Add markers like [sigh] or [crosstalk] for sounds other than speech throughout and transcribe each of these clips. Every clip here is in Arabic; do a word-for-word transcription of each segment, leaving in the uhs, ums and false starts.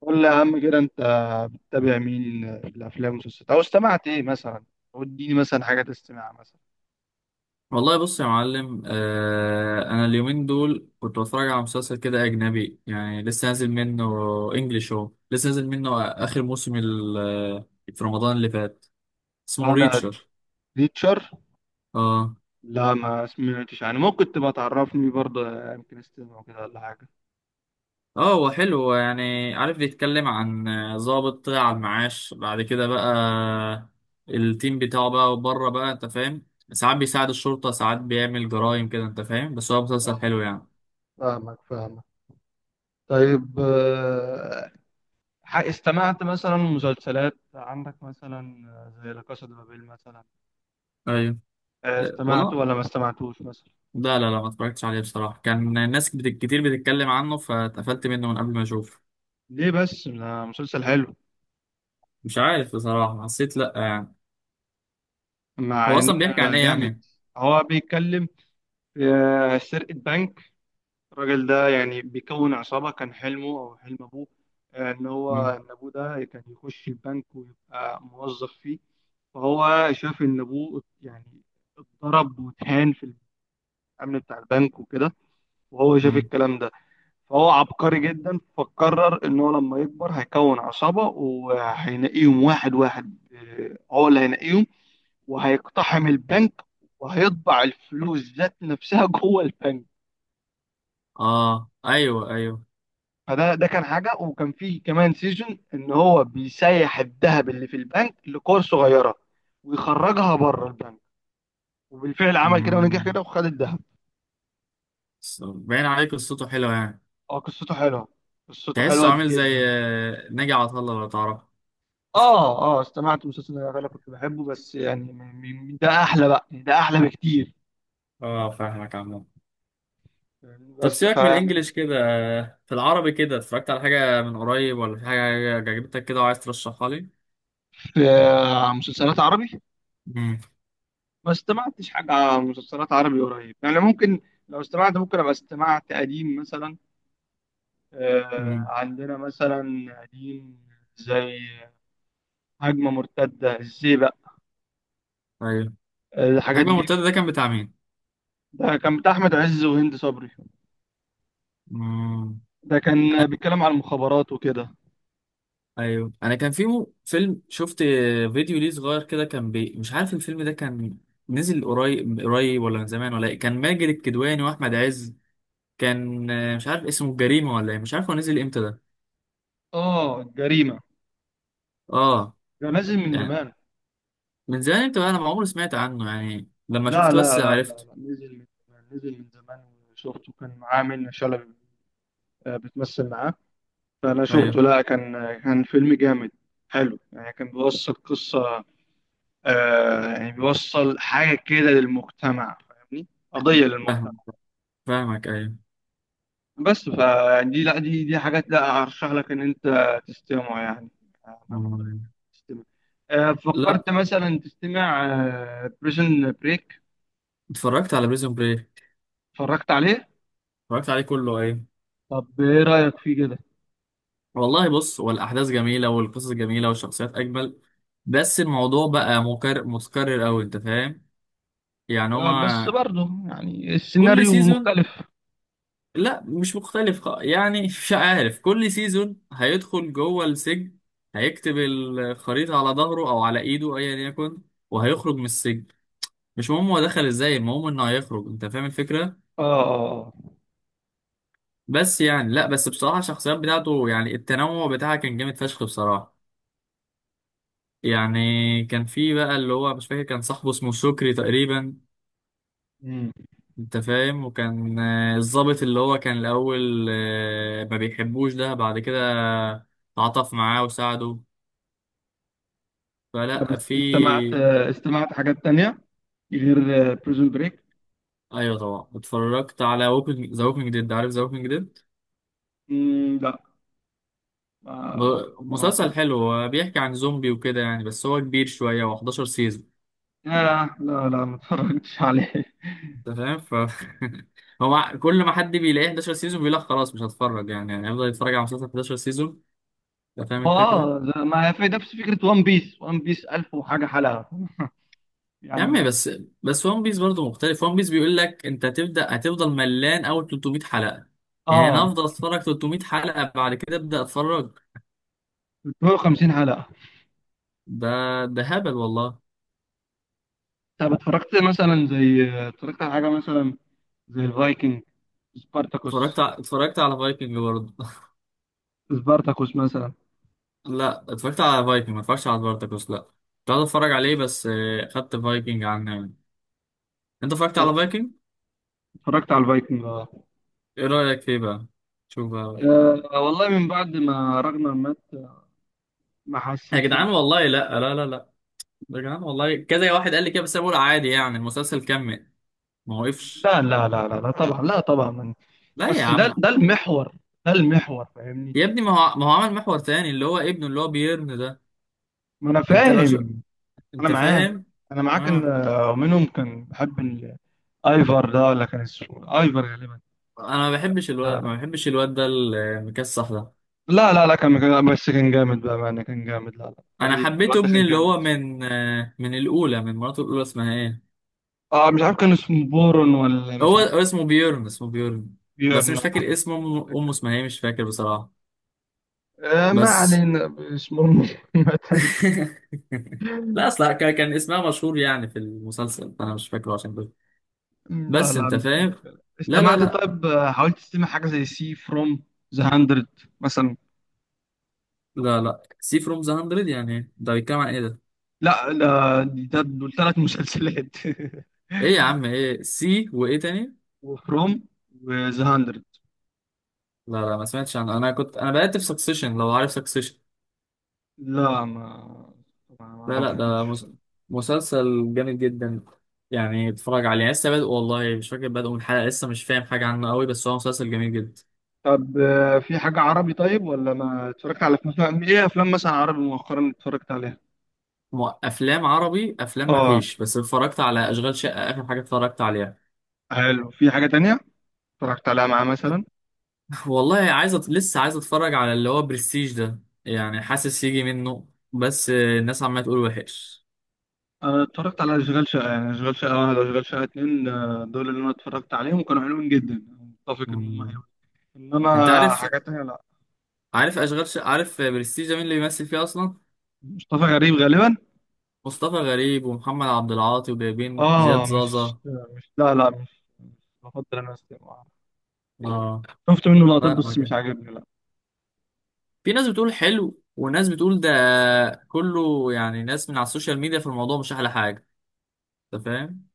قول لي يا عم كده انت بتتابع مين الافلام والمسلسلات او استمعت ايه مثلا. وديني مثلا حاجه تستمع مثلا. والله بص يا معلم آه انا اليومين دول كنت بتفرج على مسلسل كده اجنبي يعني لسه نازل منه انجلش. هو لسه نازل منه اخر موسم ال- آه، في رمضان اللي فات. اسمه اه، ده ريتشر. ريتشر. اه لا ما سمعتش يعني، ممكن تبقى تعرفني برضه، يمكن استمع كده ولا حاجه. اه. هو حلو، هو يعني عارف بيتكلم عن آه، ضابط طلع على المعاش، بعد كده بقى التيم بتاعه بقى بره، بقى انت فاهم ساعات بيساعد الشرطة ساعات بيعمل جرائم كده، انت فاهم، بس هو مسلسل حلو اه، يعني. فاهمك فاهمك طيب آه، ح- استمعت مثلا مسلسلات عندك مثلا؟ زي لا كاسا دي بابيل مثلا؟ ايوه. آه، آه، استمعته والله ولا ما استمعتوش مثلا؟ لا لا لا ما اتفرجتش عليه بصراحة، كان ناس بت- كتير بتتكلم عنه، فاتقفلت منه من قبل ما اشوف. ليه بس؟ ده مسلسل حلو. مش عارف بصراحة، حسيت لا يعني. هو مع ان اصلا بيحكي عن ايه جامد، يعني؟ هو بيتكلم آه، سرقة بنك. الراجل ده يعني بيكون عصابة، كان حلمه أو حلم أبوه آه، إن هو، مم. إن أبوه ده كان يخش البنك ويبقى موظف فيه. فهو شاف إن أبوه يعني اتضرب واتهان في الأمن بتاع البنك وكده، وهو شاف مم. الكلام ده. فهو عبقري جدا، فقرر إن هو لما يكبر هيكون عصابة، وهينقيهم واحد واحد، آه، هو اللي هينقيهم وهيقتحم البنك وهيطبع الفلوس ذات نفسها جوه البنك. اه ايوه ايوه. فده، ده كان حاجه. وكان فيه كمان سيزون ان هو بيسيح الذهب اللي في البنك لكور صغيره ويخرجها بره البنك، وبالفعل عمل كده ونجح مم. كده وخد الذهب. بس باين عليه قصته حلوة يعني. اه، قصته حلوه، قصته حلوه تحسه عامل زي جدا. آه، ناجي عطا الله لو تعرفه. اه اه، استمعت مسلسل ده، انا كنت بحبه، بس يعني م- م- ده احلى بقى، يعني ده احلى بكتير. اه فاهمك عمو. يعني طب بس ف سيبك من الانجليش كده، آه، في العربي كده اتفرجت على حاجة من قريب، ولا في حاجة عجبتك كده وعايز ترشحها لي؟ في آه، مسلسلات عربي، مم. ما استمعتش حاجه مسلسلات عربي قريب، يعني ممكن لو استمعت ممكن ابقى استمعت قديم مثلا. آه، مم. عندنا مثلا قديم زي هجمة مرتدة، الزيبق، ايوه. الحاجات الهجمة دي. المرتدة ده كان بتاع مين؟ ده كان بتاع أحمد عز وهند صبري، مم. ده كان بيتكلم عن المخابرات وكده. ايوه، انا كان في مو- فيلم شفت فيديو ليه صغير كده كان بي... مش عارف الفيلم ده كان نزل قريب قريب ولا من زمان ولا ايه، كان ماجد الكدواني واحمد عز، كان آه، مش عارف اسمه الجريمه ولا ايه، مش عارف هو نزل امتى ده. اه، الجريمة اه. ده نازل من يعني زمان. من زمان امتى بقى؟ انا ما عمري سمعت عنه، يعني لما لا شفته بس لا لا لا عرفته. لا نزل من زمان، نزل من زمان. وشفته، كان معاه منة شلبي آه، بتمثل معاه. فأنا ايوه شفته، لا كان كان فيلم جامد، حلو يعني، كان بيوصل قصة، آه، يعني بيوصل حاجة كده للمجتمع، فاهمني، قضية للمجتمع. فاهم. فاهمك ايوه. بس فدي لا دي دي حاجات لا ارشح لك ان انت تستمع يعني، آه، مم. تستمع. آه، لا، فكرت مثلا تستمع بريزن بريك؟ اتفرجت على بريزون بريك. اتفرجت عليه؟ اتفرجت عليه كله ايوه. طب ايه رايك فيه كده؟ والله بص، هو الأحداث جميلة والقصص جميلة والشخصيات أجمل، بس الموضوع بقى مكرر متكرر أوي أنت فاهم. يعني هو آه، بس برضه يعني كل السيناريو سيزون، مختلف. لا مش مختلف. خ- يعني [laughs] مش عارف، كل سيزون هيدخل جوه السجن، هيكتب الخريطة على ظهره أو على إيده أيا يكن، وهيخرج من السجن. مش مهم هو دخل إزاي، المهم إنه هيخرج، أنت فاهم الفكرة. اه، آه، آه. بس يعني لا، بس بصراحة الشخصيات بتاعته، يعني التنوع بتاعها كان جامد فشخ بصراحة. يعني كان في بقى اللي هو مش فاكر، كان صاحبه اسمه شكري تقريبا، مم. انت فاهم، وكان آه، الضابط اللي هو كان الاول آه، ما بيحبوش، ده بعد كده تعاطف معاه وساعده. طب فلا، است- في استمعت، آه، استمعت حاجات تانية غير بريزون بريك؟ ايوه طبعا، اتفرجت على ووكينج، ذا ووكينج ديد، عارف ذا ووكينج ديد؟ لا. ما ما مسلسل سمعتوش. حلو، هو بيحكي عن زومبي وكده يعني، بس هو كبير شويه، و11 سيزون، لا لا لا لا، ما اتفرجتش عليه. انت فاهم. ف [laughs] هو كل ما حد بيلاقيه حداشر سيزون بيقول لك خلاص مش هتفرج يعني، يعني هيفضل يتفرج على مسلسل احد عشر سيزون؟ انت فاهم ما الفكره. اه ده- ما في نفس فكرة وان بيس، وان بيس ألف وحاجة حلقة يا عم يعني. بس، بس ون بيس برضه مختلف. ون بيس بيقول لك انت هتبدا هتفضل ملان اول تلتمية حلقه. يعني انا اه، افضل اتفرج تلتمية حلقه بعد كده ابدا اتفرج؟ تلتمية وخمسين حلقة. ده ده هبل والله. طب اتفرجت مثلا، زي اتفرجت على حاجة مثلا زي الفايكنج، سبارتاكوس، اتفرجت ع- اتفرجت على فايكنج برضه. [laughs] سبارتاكوس مثلا؟ لا اتفرجت على فايكنج، ما اتفرجتش على سبارتاكوس لا، كنت عايز اتفرج عليه بس آه، خدت فايكنج عنه يعني. انت اتفرجت على فايكنج؟ اتفرجت على الفايكنج اه. ايه رايك فيه بقى؟ شوف بقى. آه، والله من بعد ما راجنر مات ما يا حسيتش. جدعان والله لا لا لا لا. يا جدعان والله، كذا واحد قال لي كده، بس انا بقول عادي يعني المسلسل كمل، ما وقفش. لا لا لا لا لا طبعا، لا طبعا من. لا يا بس ده، عم. ده المحور، ده المحور، فاهمني؟ يا ابني ما هو ما هو عمل محور تاني، اللي هو ابنه اللي هو بيرن ده. ما انا انت لو شو فاهم، انا انت معاك، فاهم. انا معاك ان اه، آه، منهم كان بحب ايفر ده، ولا كان اسمه ايفر غالبا. انا ما بحبش الواد، آه. ما بحبش الواد ده المكسح ده. لا لا لا، كان كان- بس كان جامد، بقى معنى كان جامد، لا لا، انا الراجل حبيت الواد ده ابني كان اللي جامد. هو من آه، من الاولى، من مراته الاولى اسمها ايه؟ اه، مش عارف كان اسمه بورون، ولا هو مش هو عارف. اسمه بيرن، اسمه بيرن، بس بيورن. مش فاكر اسمه، امه، أمه اسمها ايه مش فاكر بصراحة. آه، ما بس علينا اسمه. [laughs] [laughs] لا، اصلا كان كان اسمها مشهور يعني في المسلسل، فانا مش فاكره عشان كده. لا بس لا، انت مش فاهم. لا لا استمعت. لا طيب آه، حاولت تستمع حاجة زي سي فروم ذا مية مثلا؟ لا لا سي فروم ذا مئة، يعني ده بيتكلم عن ايه ده؟ لا لا. دي- ده دول ثلاث مسلسلات. [laughs] ايه يا عم ايه سي وايه تاني؟ وفروم وذا مية. لا لا، ما سمعتش عنه، انا كنت انا بقيت في سكسيشن، لو عارف سكسيشن. لا، ما ما ما لا لا ده اعرفوش. مس... مسلسل جامد جدا، يعني اتفرج عليه لسه بادئ والله، مش فاكر بادئ من حلقة، لسه مش فاهم حاجة عنه قوي، بس هو مسلسل جميل جدا. طب آه، في حاجة عربي طيب ولا ما اتفرجت على افلام؟ ايه افلام مثلا عربي مؤخرا اتفرجت عليها؟ م- افلام عربي، افلام ما اه، فيش، بس اتفرجت على اشغال شقة اخر حاجة اتفرجت عليها. حلو. في حاجة تانية اتفرجت عليها معاه مثلا؟ [laughs] والله عايز أت... لسه عايز اتفرج على اللي هو برستيج ده، يعني حاسس يجي منه، بس آه، الناس عمالة تقول وحش. انا اتفرجت على اشغال شقة، يعني اشغال شقة واحد واشغال شقة اتنين، آه، دول اللي انا اتفرجت عليهم، وكانوا حلوين جدا. متفق ان هم مم. حلوين، انت انما عارف، حاجات تانية لا. عارف اشغال ش... عارف برستيجة مين اللي بيمثل فيه اصلا؟ مصطفى غريب غالبا. مصطفى غريب ومحمد عبد العاطي وجايبين زياد اه، مش زازا. مش لا لا مش مش بفضل انا أسمع. اه. شفت منه لقطات لا ما بس مش كان، عاجبني لا. في ناس بتقول حلو وناس بتقول ده كله يعني، ناس من على السوشيال ميديا، في الموضوع مش احلى حاجة، انت فاهم.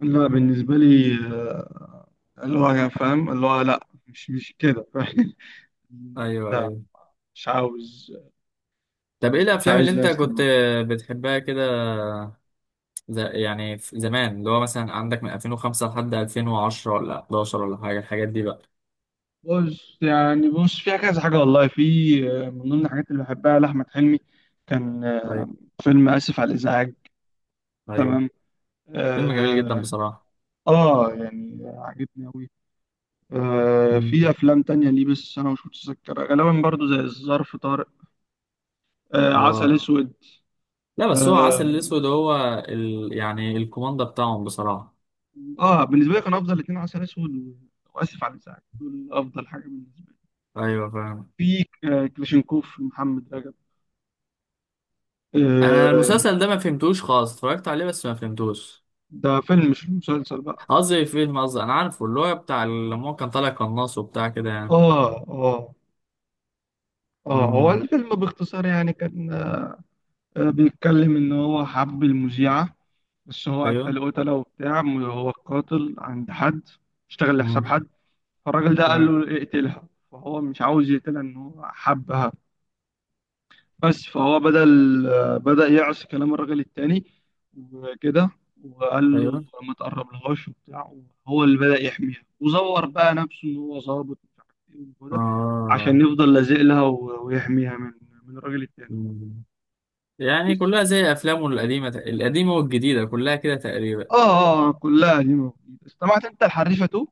لا، بالنسبة لي، آه، اللي هو فاهم، اللي هو لا مش مش كده، فاهم؟ [laughs] ايوه لا، ايوه. مش عاوز، طب ايه مش مش الافلام اللي عايز لا انت كنت استمع. بتحبها كده؟ ز... يعني في زمان اللي هو مثلا عندك من ألفين وخمسة لحد ألفين وعشرة ولا احد عشر ولا حاجة، الحاجات دي بقى. بص يعني، بص فيها كذا حاجة، والله في آه، من ضمن الحاجات اللي بحبها لأحمد حلمي، كان آه، ايوه فيلم آسف على الإزعاج. ايوه. تمام، فيلم جميل جدا آه, بصراحة. آه، يعني عجبني أوي. آه، مم. في أفلام تانية ليه بس أنا مش متذكرها غالبا، برضو زي الظرف طارق، آه، عسل اه. أسود، لا بس هو عسل آه. الاسود، هو ال... يعني الكوماندا بتاعهم بصراحة. اه بالنسبه لي كان افضل اتنين، عسل اسود و- واسف على الازعاج، دول افضل حاجه بالنسبه لي. ايوه فاهم. في ك- كلاشينكوف، محمد رجب، انا آه. المسلسل ده ما فهمتوش خالص، اتفرجت عليه بس ما فهمتوش. ده فيلم مش مسلسل بقى. قصدي فيلم، قصدي انا عارفه اللي هو بتاع لما هو كان طالع قناص وبتاع كده اه يعني. اه، اه هو مم. الفيلم باختصار يعني كان آه، بيتكلم ان هو حب المذيعه، بس هو ايوه. قتل، قتله وبتاع، هو القاتل عند حد، اشتغل لحساب مم. حد. فالراجل ده قال تمام. له اقتلها، فهو مش عاوز يقتلها ان هو حبها. بس فهو بدأ بدأ يعصي كلام الراجل التاني وكده، وقال ايوه. له ما تقربلهاش وبتاع. هو اللي بدأ يحميها، وزور بقى نفسه إن هو ظابط ومش عارف إيه وكده، اه. عشان يفضل لازق لها و- ويحميها من من الراجل التاني. مم. يعني كلها زي افلامه القديمة، القديمة والجديدة كلها كده تقريبا. آه آه آه، كلها دي موجودة. استمعت أنت الحريفة تو؟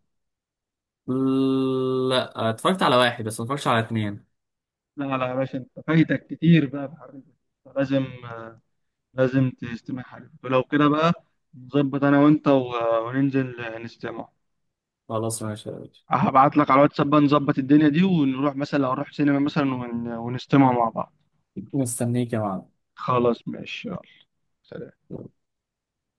لا اتفرجت على واحد، بس ما اتفرجتش على اتنين. لا لا يا باشا، أنت فايتك كتير بقى في الحريفة تو. لازم لازم تستمع حريفة تو. لو كده بقى نظبط أنا وأنت و- وننزل نستمع. خلاص ماشي يا باشا. هبعت لك على الواتساب بقى، نظبط الدنيا دي، ونروح مثلا، لو نروح سينما مثلا ون... ونستمع مع بعض. مستنيك يا معلم. خلاص ماشي يلا. سلام.